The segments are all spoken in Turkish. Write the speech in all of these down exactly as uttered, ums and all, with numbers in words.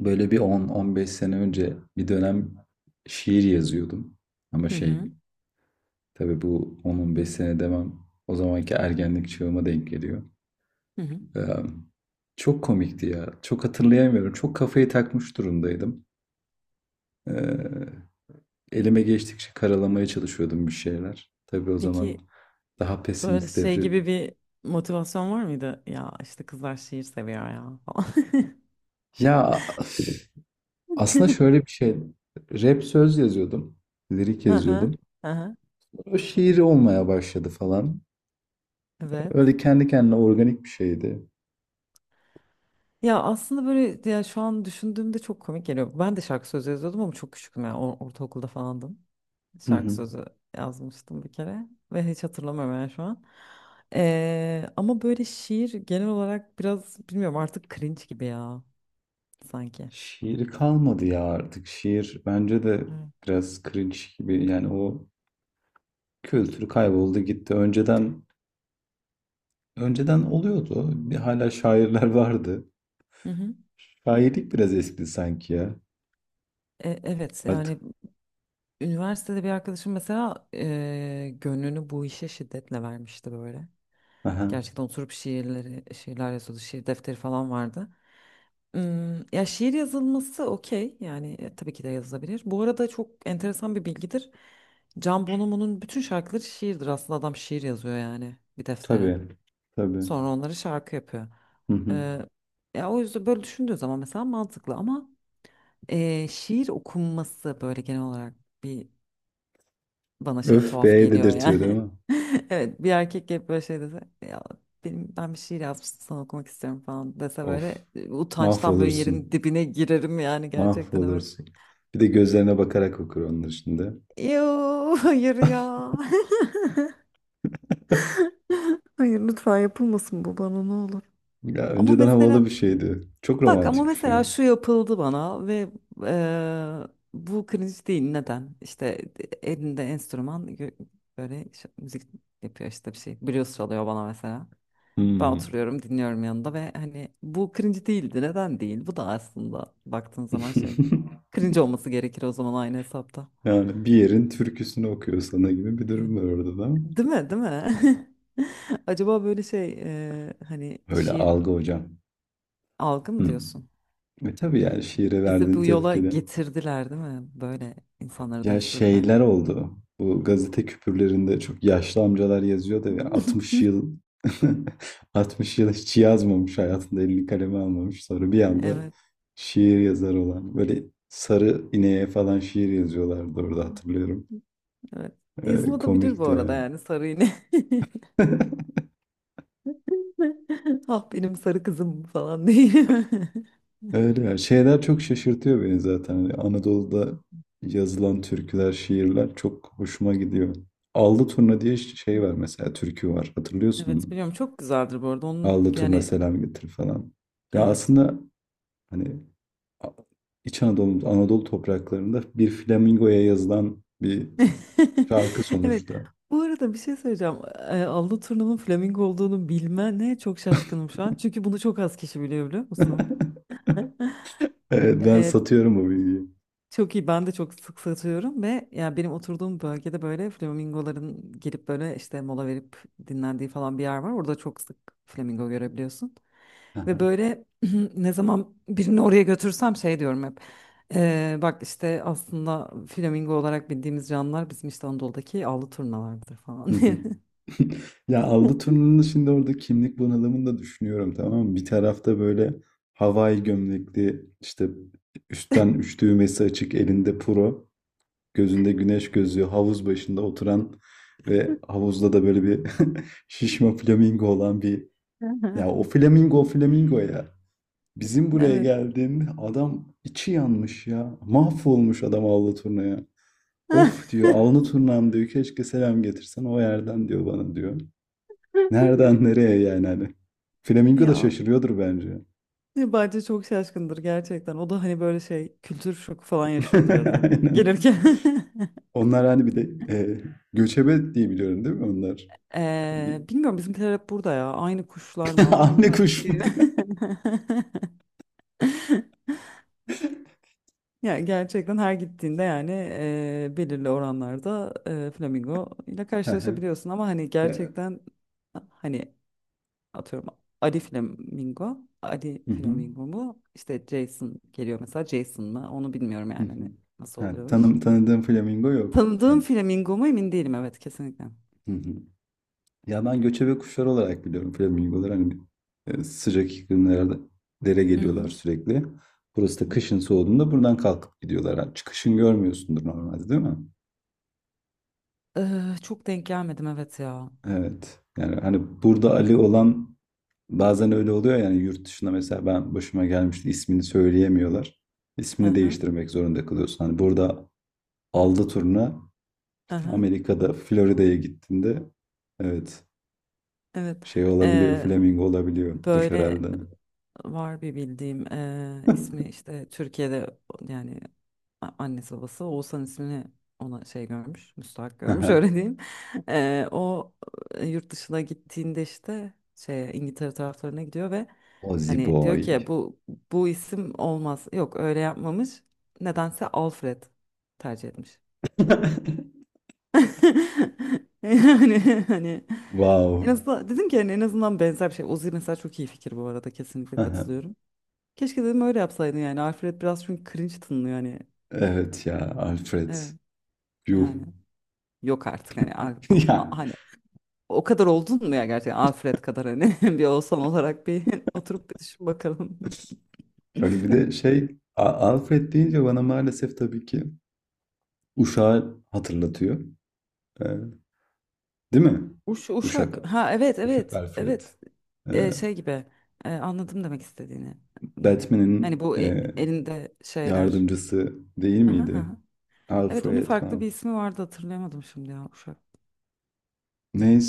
Böyle bir on on beş sene önce bir dönem şiir yazıyordum. Ama Hı şey, hı, tabii bu on on beş sene demem o zamanki ergenlik çağıma denk geliyor. hı hı. Ee, çok komikti ya. Çok hatırlayamıyorum. Çok kafayı takmış durumdaydım. Ee, elime geçtikçe karalamaya çalışıyordum bir şeyler. Tabii o zaman Peki daha böyle pesimist şey devri. gibi bir motivasyon var mıydı? Ya işte kızlar şiir seviyor ya falan. Ya üf, aslında şöyle bir şey. Rap söz yazıyordum. Lirik Hı hı, yazıyordum. hı hı. O şiir olmaya başladı falan. Evet. Öyle kendi kendine organik bir şeydi. Ya aslında böyle ya şu an düşündüğümde çok komik geliyor. Ben de şarkı sözü yazıyordum ama çok küçüktüm ya. Or- ortaokulda falandım. Hı Şarkı hı. sözü yazmıştım bir kere ve hiç hatırlamıyorum yani şu an. Ee, ama böyle şiir genel olarak biraz bilmiyorum artık cringe gibi ya sanki. Şiiri kalmadı ya artık. Şiir bence de Evet. biraz cringe gibi. Yani o kültürü kayboldu gitti. Önceden önceden oluyordu. Bir hala şairler vardı. Hı hı. Şairlik biraz eskidi sanki ya. E, evet Artık. yani üniversitede bir arkadaşım mesela eee, gönlünü bu işe şiddetle vermişti böyle. Aha. Gerçekten oturup şiirleri, şiirler yazıyordu. Şiir defteri falan vardı. Hmm, ya şiir yazılması okey. Yani e, tabii ki de yazılabilir. Bu arada çok enteresan bir bilgidir. Can Bonomo'nun bütün şarkıları şiirdir. Aslında adam şiir yazıyor yani bir deftere. Tabii. Tabii. Sonra onları şarkı yapıyor. Hı hı. Eee, Ya o yüzden böyle düşündüğü zaman mesela mantıklı ama eee, şiir okunması böyle genel olarak bir bana şey Öf tuhaf be, geliyor dedirtiyor değil yani. mi? Evet, bir erkek gelip böyle şey dese ya benim ben bir şiir yazmıştım sana okumak istiyorum falan dese Of. böyle e, utançtan böyle yerin Mahvolursun. dibine girerim yani gerçekten, evet. Mahvolursun. Bir de gözlerine bakarak okur onlar şimdi. Yoo hayır ya. Hayır, lütfen yapılmasın bu bana, ne olur. Ya Ama önceden mesela havalı bir şeydi. Çok bak ama romantik bir şey. mesela şu yapıldı bana ve eee, bu cringe değil, neden? İşte elinde enstrüman gö- böyle ş- müzik yapıyor işte bir şey. Blues çalıyor bana mesela. Ben Hmm. oturuyorum, dinliyorum yanında ve hani bu cringe değildi. Neden değil? Bu da aslında baktığın zaman şey. Cringe olması gerekir o zaman, aynı hesapta. Yani bir yerin türküsünü okuyor sana gibi bir Evet. durum var orada da. Değil mi? Değil mi? Acaba böyle şey, e, hani Öyle şiir algı hocam. algı mı Hmm. diyorsun? Ve tabii yani şiire Bizi verdiğin bu yola tepkide. getirdiler değil mi? Böyle insanları Ya dönüştürdüler. şeyler oldu. Bu gazete küpürlerinde çok yaşlı amcalar yazıyor da ya altmış yıl altmış yıl hiç yazmamış hayatında, elini kaleme almamış. Sonra bir anda Evet. şiir yazar olan. Böyle sarı ineğe falan şiir yazıyorlardı orada, hatırlıyorum. Evet. Ee, Yazılabilir bu komikti arada yani. yani, sarı iğne. Ah, benim sarı kızım falan değil. Öyle ya. Şeyler çok şaşırtıyor beni zaten. Hani Anadolu'da yazılan türküler, şiirler çok hoşuma gidiyor. Allı turna diye şey var mesela, türkü var. Hatırlıyorsun Evet, mu? biliyorum, çok güzeldir bu arada. Onun Allı turna yani, selam getir falan. Ya evet. aslında hani A- İç Anadolu, Anadolu topraklarında bir flamingoya yazılan bir şarkı Evet. sonuçta. Bu arada bir şey söyleyeceğim. E, Avlu turnunun flamingo olduğunu bilmene çok şaşkınım şu an. Çünkü bunu çok az kişi biliyor, biliyor musun? Evet, ben E, satıyorum bu bilgiyi. Çok iyi, ben de çok sık satıyorum ve yani benim oturduğum bölgede böyle flamingoların gelip böyle işte mola verip dinlendiği falan bir yer var. Orada çok sık flamingo görebiliyorsun. Ve Hı. böyle ne zaman birini oraya götürsem şey diyorum hep. "Ee, bak işte aslında flamingo olarak bildiğimiz canlılar bizim işte Anadolu'daki avlu turnalardır falan diye. Ya aldı turnunun şimdi orada kimlik bunalımını da düşünüyorum, tamam mı? Bir tarafta böyle havai gömlekli, işte üstten üç düğmesi açık, elinde puro, gözünde güneş gözlüğü, havuz başında oturan ve havuzda da böyle bir şişme flamingo olan bir, ya o flamingo o flamingo ya. Bizim buraya Evet. geldiğinde adam içi yanmış ya. Mahvolmuş adam avlu turnaya. Of diyor, avlu turnam diyor, keşke selam getirsen o yerden diyor bana diyor. Nereden nereye yani hani. Flamingo da Ya şaşırıyordur bence. bence çok şaşkındır gerçekten. O da hani böyle şey, kültür şoku falan yaşıyordur herhalde. Aynen. Gelirken. Onlar hani bir de e, göçebe diye biliyorum, değil mi onlar? Ee, Hani- Bilmiyorum, bizimkiler hep burada ya. Aynı kuşlar mı ama Anne ondan kuş mu? emin değilim. Ya gerçekten her gittiğinde yani eee, belirli oranlarda eee, flamingo ile Hı hı. karşılaşabiliyorsun ama hani Ya, gerçekten, hani atıyorum Ali flamingo, Ali hı hı, flamingo mu? İşte Jason geliyor mesela, Jason mı? Onu bilmiyorum hı yani, hı. hani nasıl Ha, oluyor o iş. tanım, tanıdığım flamingo yok. Tanıdığım Yani, flamingo mu emin değilim, evet, kesinlikle. hı hı. Ya ben göçebe kuşlar olarak biliyorum flamingoları. Hani e, sıcak iklimlerde dere Hı hı. geliyorlar sürekli. Hı Burası da hı. kışın soğuduğunda buradan kalkıp gidiyorlar. Ha, çıkışın görmüyorsundur normalde, değil mi? Eee, çok denk gelmedim, evet ya. Evet. Yani hani burada Ali olan bazen öyle oluyor yani. Yurt dışında mesela, ben başıma gelmişti, ismini söyleyemiyorlar. Hı İsmini hı, değiştirmek zorunda kalıyorsun. Hani burada aldı turuna, işte Amerika'da Florida'ya gittiğinde evet, evet. şey olabiliyor, Eee, flamingo olabiliyordur böyle herhalde. Var bir bildiğim, eee, ismi işte Türkiye'de yani a- annesi babası Oğuzhan ismini ona şey görmüş, müstahak görmüş öyle diyeyim. Eee, o e, Yurt dışına gittiğinde işte şey, İngiltere taraflarına gidiyor ve Ozzy hani diyor boy. ki bu bu isim olmaz, yok öyle yapmamış nedense Alfred tercih etmiş. Yani hani en Wow. azından dedim ki hani en azından benzer bir şey. Uzi mesela, çok iyi fikir bu arada, kesinlikle katılıyorum. Keşke dedim öyle yapsaydın yani. Alfred biraz çünkü cringe tınlıyor hani. Evet ya, Alfred. Evet Yuh. yani. Yok artık hani. Al- Ya. A- hani o kadar oldun mu ya gerçekten Alfred kadar hani bir olsan olarak bir oturup bir düşün bakalım. Hani bir de şey, A- Alfred deyince bana maalesef tabii ki Uşak'ı hatırlatıyor. Eee, değil mi? Uş, Uşak Uşak. Ha evet, Uşak evet, Alfred. evet. Eee, Ee, şey gibi Ee, anladım demek istediğini. Hmm. Hani Batman'in, bu e- eee, elinde şeyler. yardımcısı değil Aha, miydi? aha. Evet, onun Alfred farklı bir falan. ismi vardı, hatırlayamadım şimdi ya, uşak.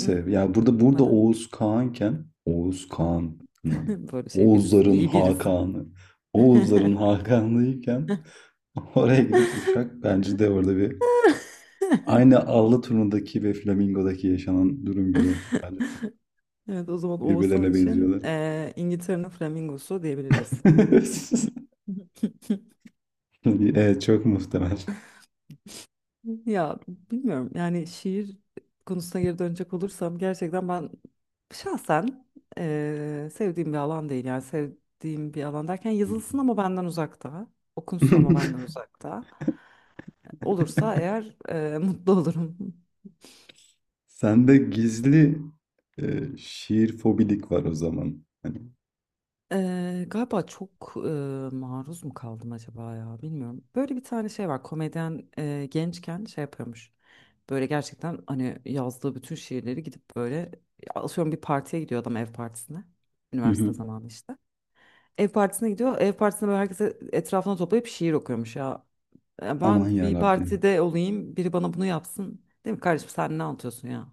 Hı, hı. ya burada burada Çıkmadı. Oğuz Kağan'ken, Oğuz Kağan neydi? Böyle şey, birisin, Oğuzların iyi birisin. Hakan'ı. Oğuzların Hakan'lıyken oraya gidip Uşak, bence de orada bir aynı Allı turnundaki ve Flamingo'daki yaşanan durum gibi. Bence çok Evet, o zaman Oğuzhan birbirlerine için benziyorlar. eee, İngiltere'nin flamingosu diyebiliriz. Evet, çok muhtemel. Ya bilmiyorum yani, şiir konusuna geri dönecek olursam gerçekten ben şahsen eee, sevdiğim bir alan değil, yani sevdiğim bir alan derken yazılsın ama benden uzakta, okunsun ama benden uzakta olursa eğer eee, mutlu olurum. Sende gizli e, şiir fobilik var o zaman. Hani, Eee, galiba çok eee, maruz mu kaldım acaba ya, bilmiyorum. Böyle bir tane şey var, komedyen eee, gençken şey yapıyormuş. Böyle gerçekten hani yazdığı bütün şiirleri gidip böyle, atıyorum bir partiye gidiyor adam, ev partisine. hı Üniversite hı. zamanı işte. Ev partisine gidiyor. Ev partisinde böyle herkese etrafına toplayıp şiir okuyormuş ya. Ya Aman ben ya bir Rabbim. partide olayım biri bana bunu yapsın. Değil mi kardeşim, sen ne anlatıyorsun ya?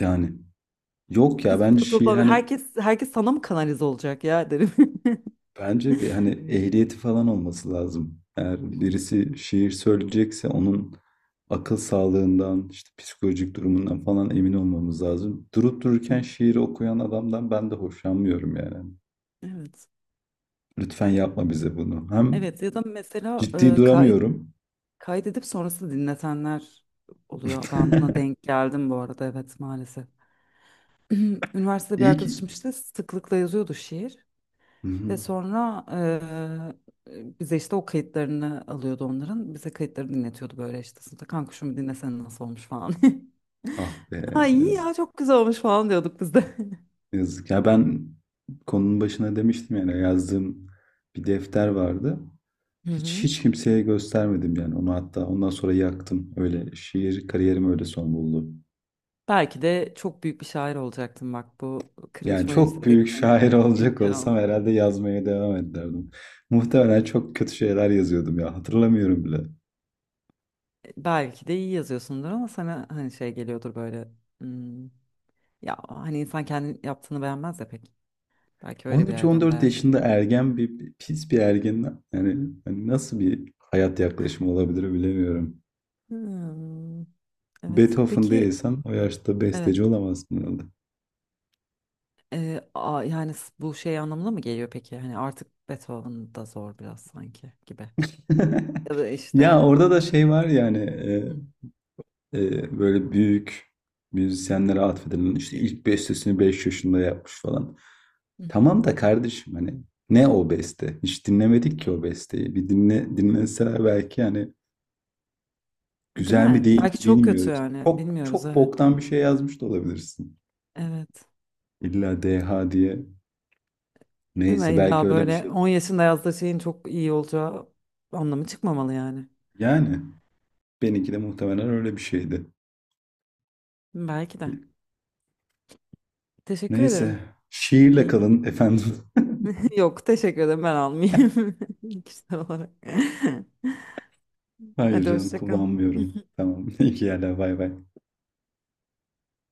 Yani yok ya, Biz bence burada şiir topla, hani, herkes herkes sana mı kanalize olacak ya derim. bence bir hani ehliyeti falan olması lazım. Eğer birisi şiir söyleyecekse onun akıl sağlığından, işte psikolojik durumundan falan emin olmamız lazım. Durup Hı, dururken şiiri okuyan adamdan ben de hoşlanmıyorum yani. evet. Lütfen yapma bize bunu. Hem Evet ya da mesela, ciddi e, kay- duramıyorum. kaydedip sonrasında dinletenler oluyor. Ben buna denk geldim bu arada, evet, maalesef. Üniversitede bir İyi arkadaşım ki. işte sıklıkla yazıyordu şiir Hı hı. ve sonra e, bize işte o kayıtlarını alıyordu onların. Bize kayıtları dinletiyordu böyle işte sınıfta, kanka şunu bir dinlesene nasıl olmuş falan. Ah be, Ha iyi yazık. ya, çok güzel olmuş falan diyorduk biz de. Yazık. Ya ben konunun başına demiştim yani, yazdığım bir defter vardı. Hı Hiç hı. hiç kimseye göstermedim yani onu, hatta ondan sonra yaktım. Öyle şiir kariyerim öyle son buldu. Belki de çok büyük bir şair olacaktım, bak bu cringe Yani maringe çok dedik, büyük seni şair olacak engel ol. olsam herhalde yazmaya devam ederdim. Muhtemelen çok kötü şeyler yazıyordum ya, hatırlamıyorum bile. Belki de iyi yazıyorsundur ama sana hani şey geliyordur böyle. "Hmm, ya hani insan kendi yaptığını beğenmez ya pek. Belki öyle bir yerden on üç on dört beğenmiyor. yaşında ergen, bir bir- pis bir ergen yani, hani nasıl bir hayat yaklaşımı olabilir bilemiyorum. Hmm, evet. Beethoven Peki, değilsen o yaşta evet. besteci olamazsın herhalde. Ee, a- yani s- bu şey anlamına mı geliyor peki? Hani artık Beethoven da zor biraz sanki gibi. Ya da Ya işte. orada da şey var yani, e, Hı, e, böyle büyük müzisyenlere atfedilen işte ilk bestesini beş yaşında yapmış falan. hı hı. Tamam da kardeşim hani, ne o beste? Hiç dinlemedik ki o besteyi. Bir dinle dinleseler belki yani, Değil güzel mi mi? değil Belki mi çok kötü bilmiyoruz. yani. Çok Bilmiyoruz, çok evet. boktan bir şey yazmış da olabilirsin. Evet. İlla D H diye. Değil mi? Neyse, belki İlla öyle bir böyle şey. on yaşında yazdığı şeyin çok iyi olacağı anlamı çıkmamalı yani. Yani benimki de muhtemelen öyle bir şeydi. Belki de. Teşekkür ederim. Neyse. Şiirle Keyifli kalın mi? efendim. Yok teşekkür ederim, ben almayayım kişisel olarak. Hayır Hadi canım, hoşça kal. kullanmıyorum. Tamam. İyi ki yerler. Bay bay.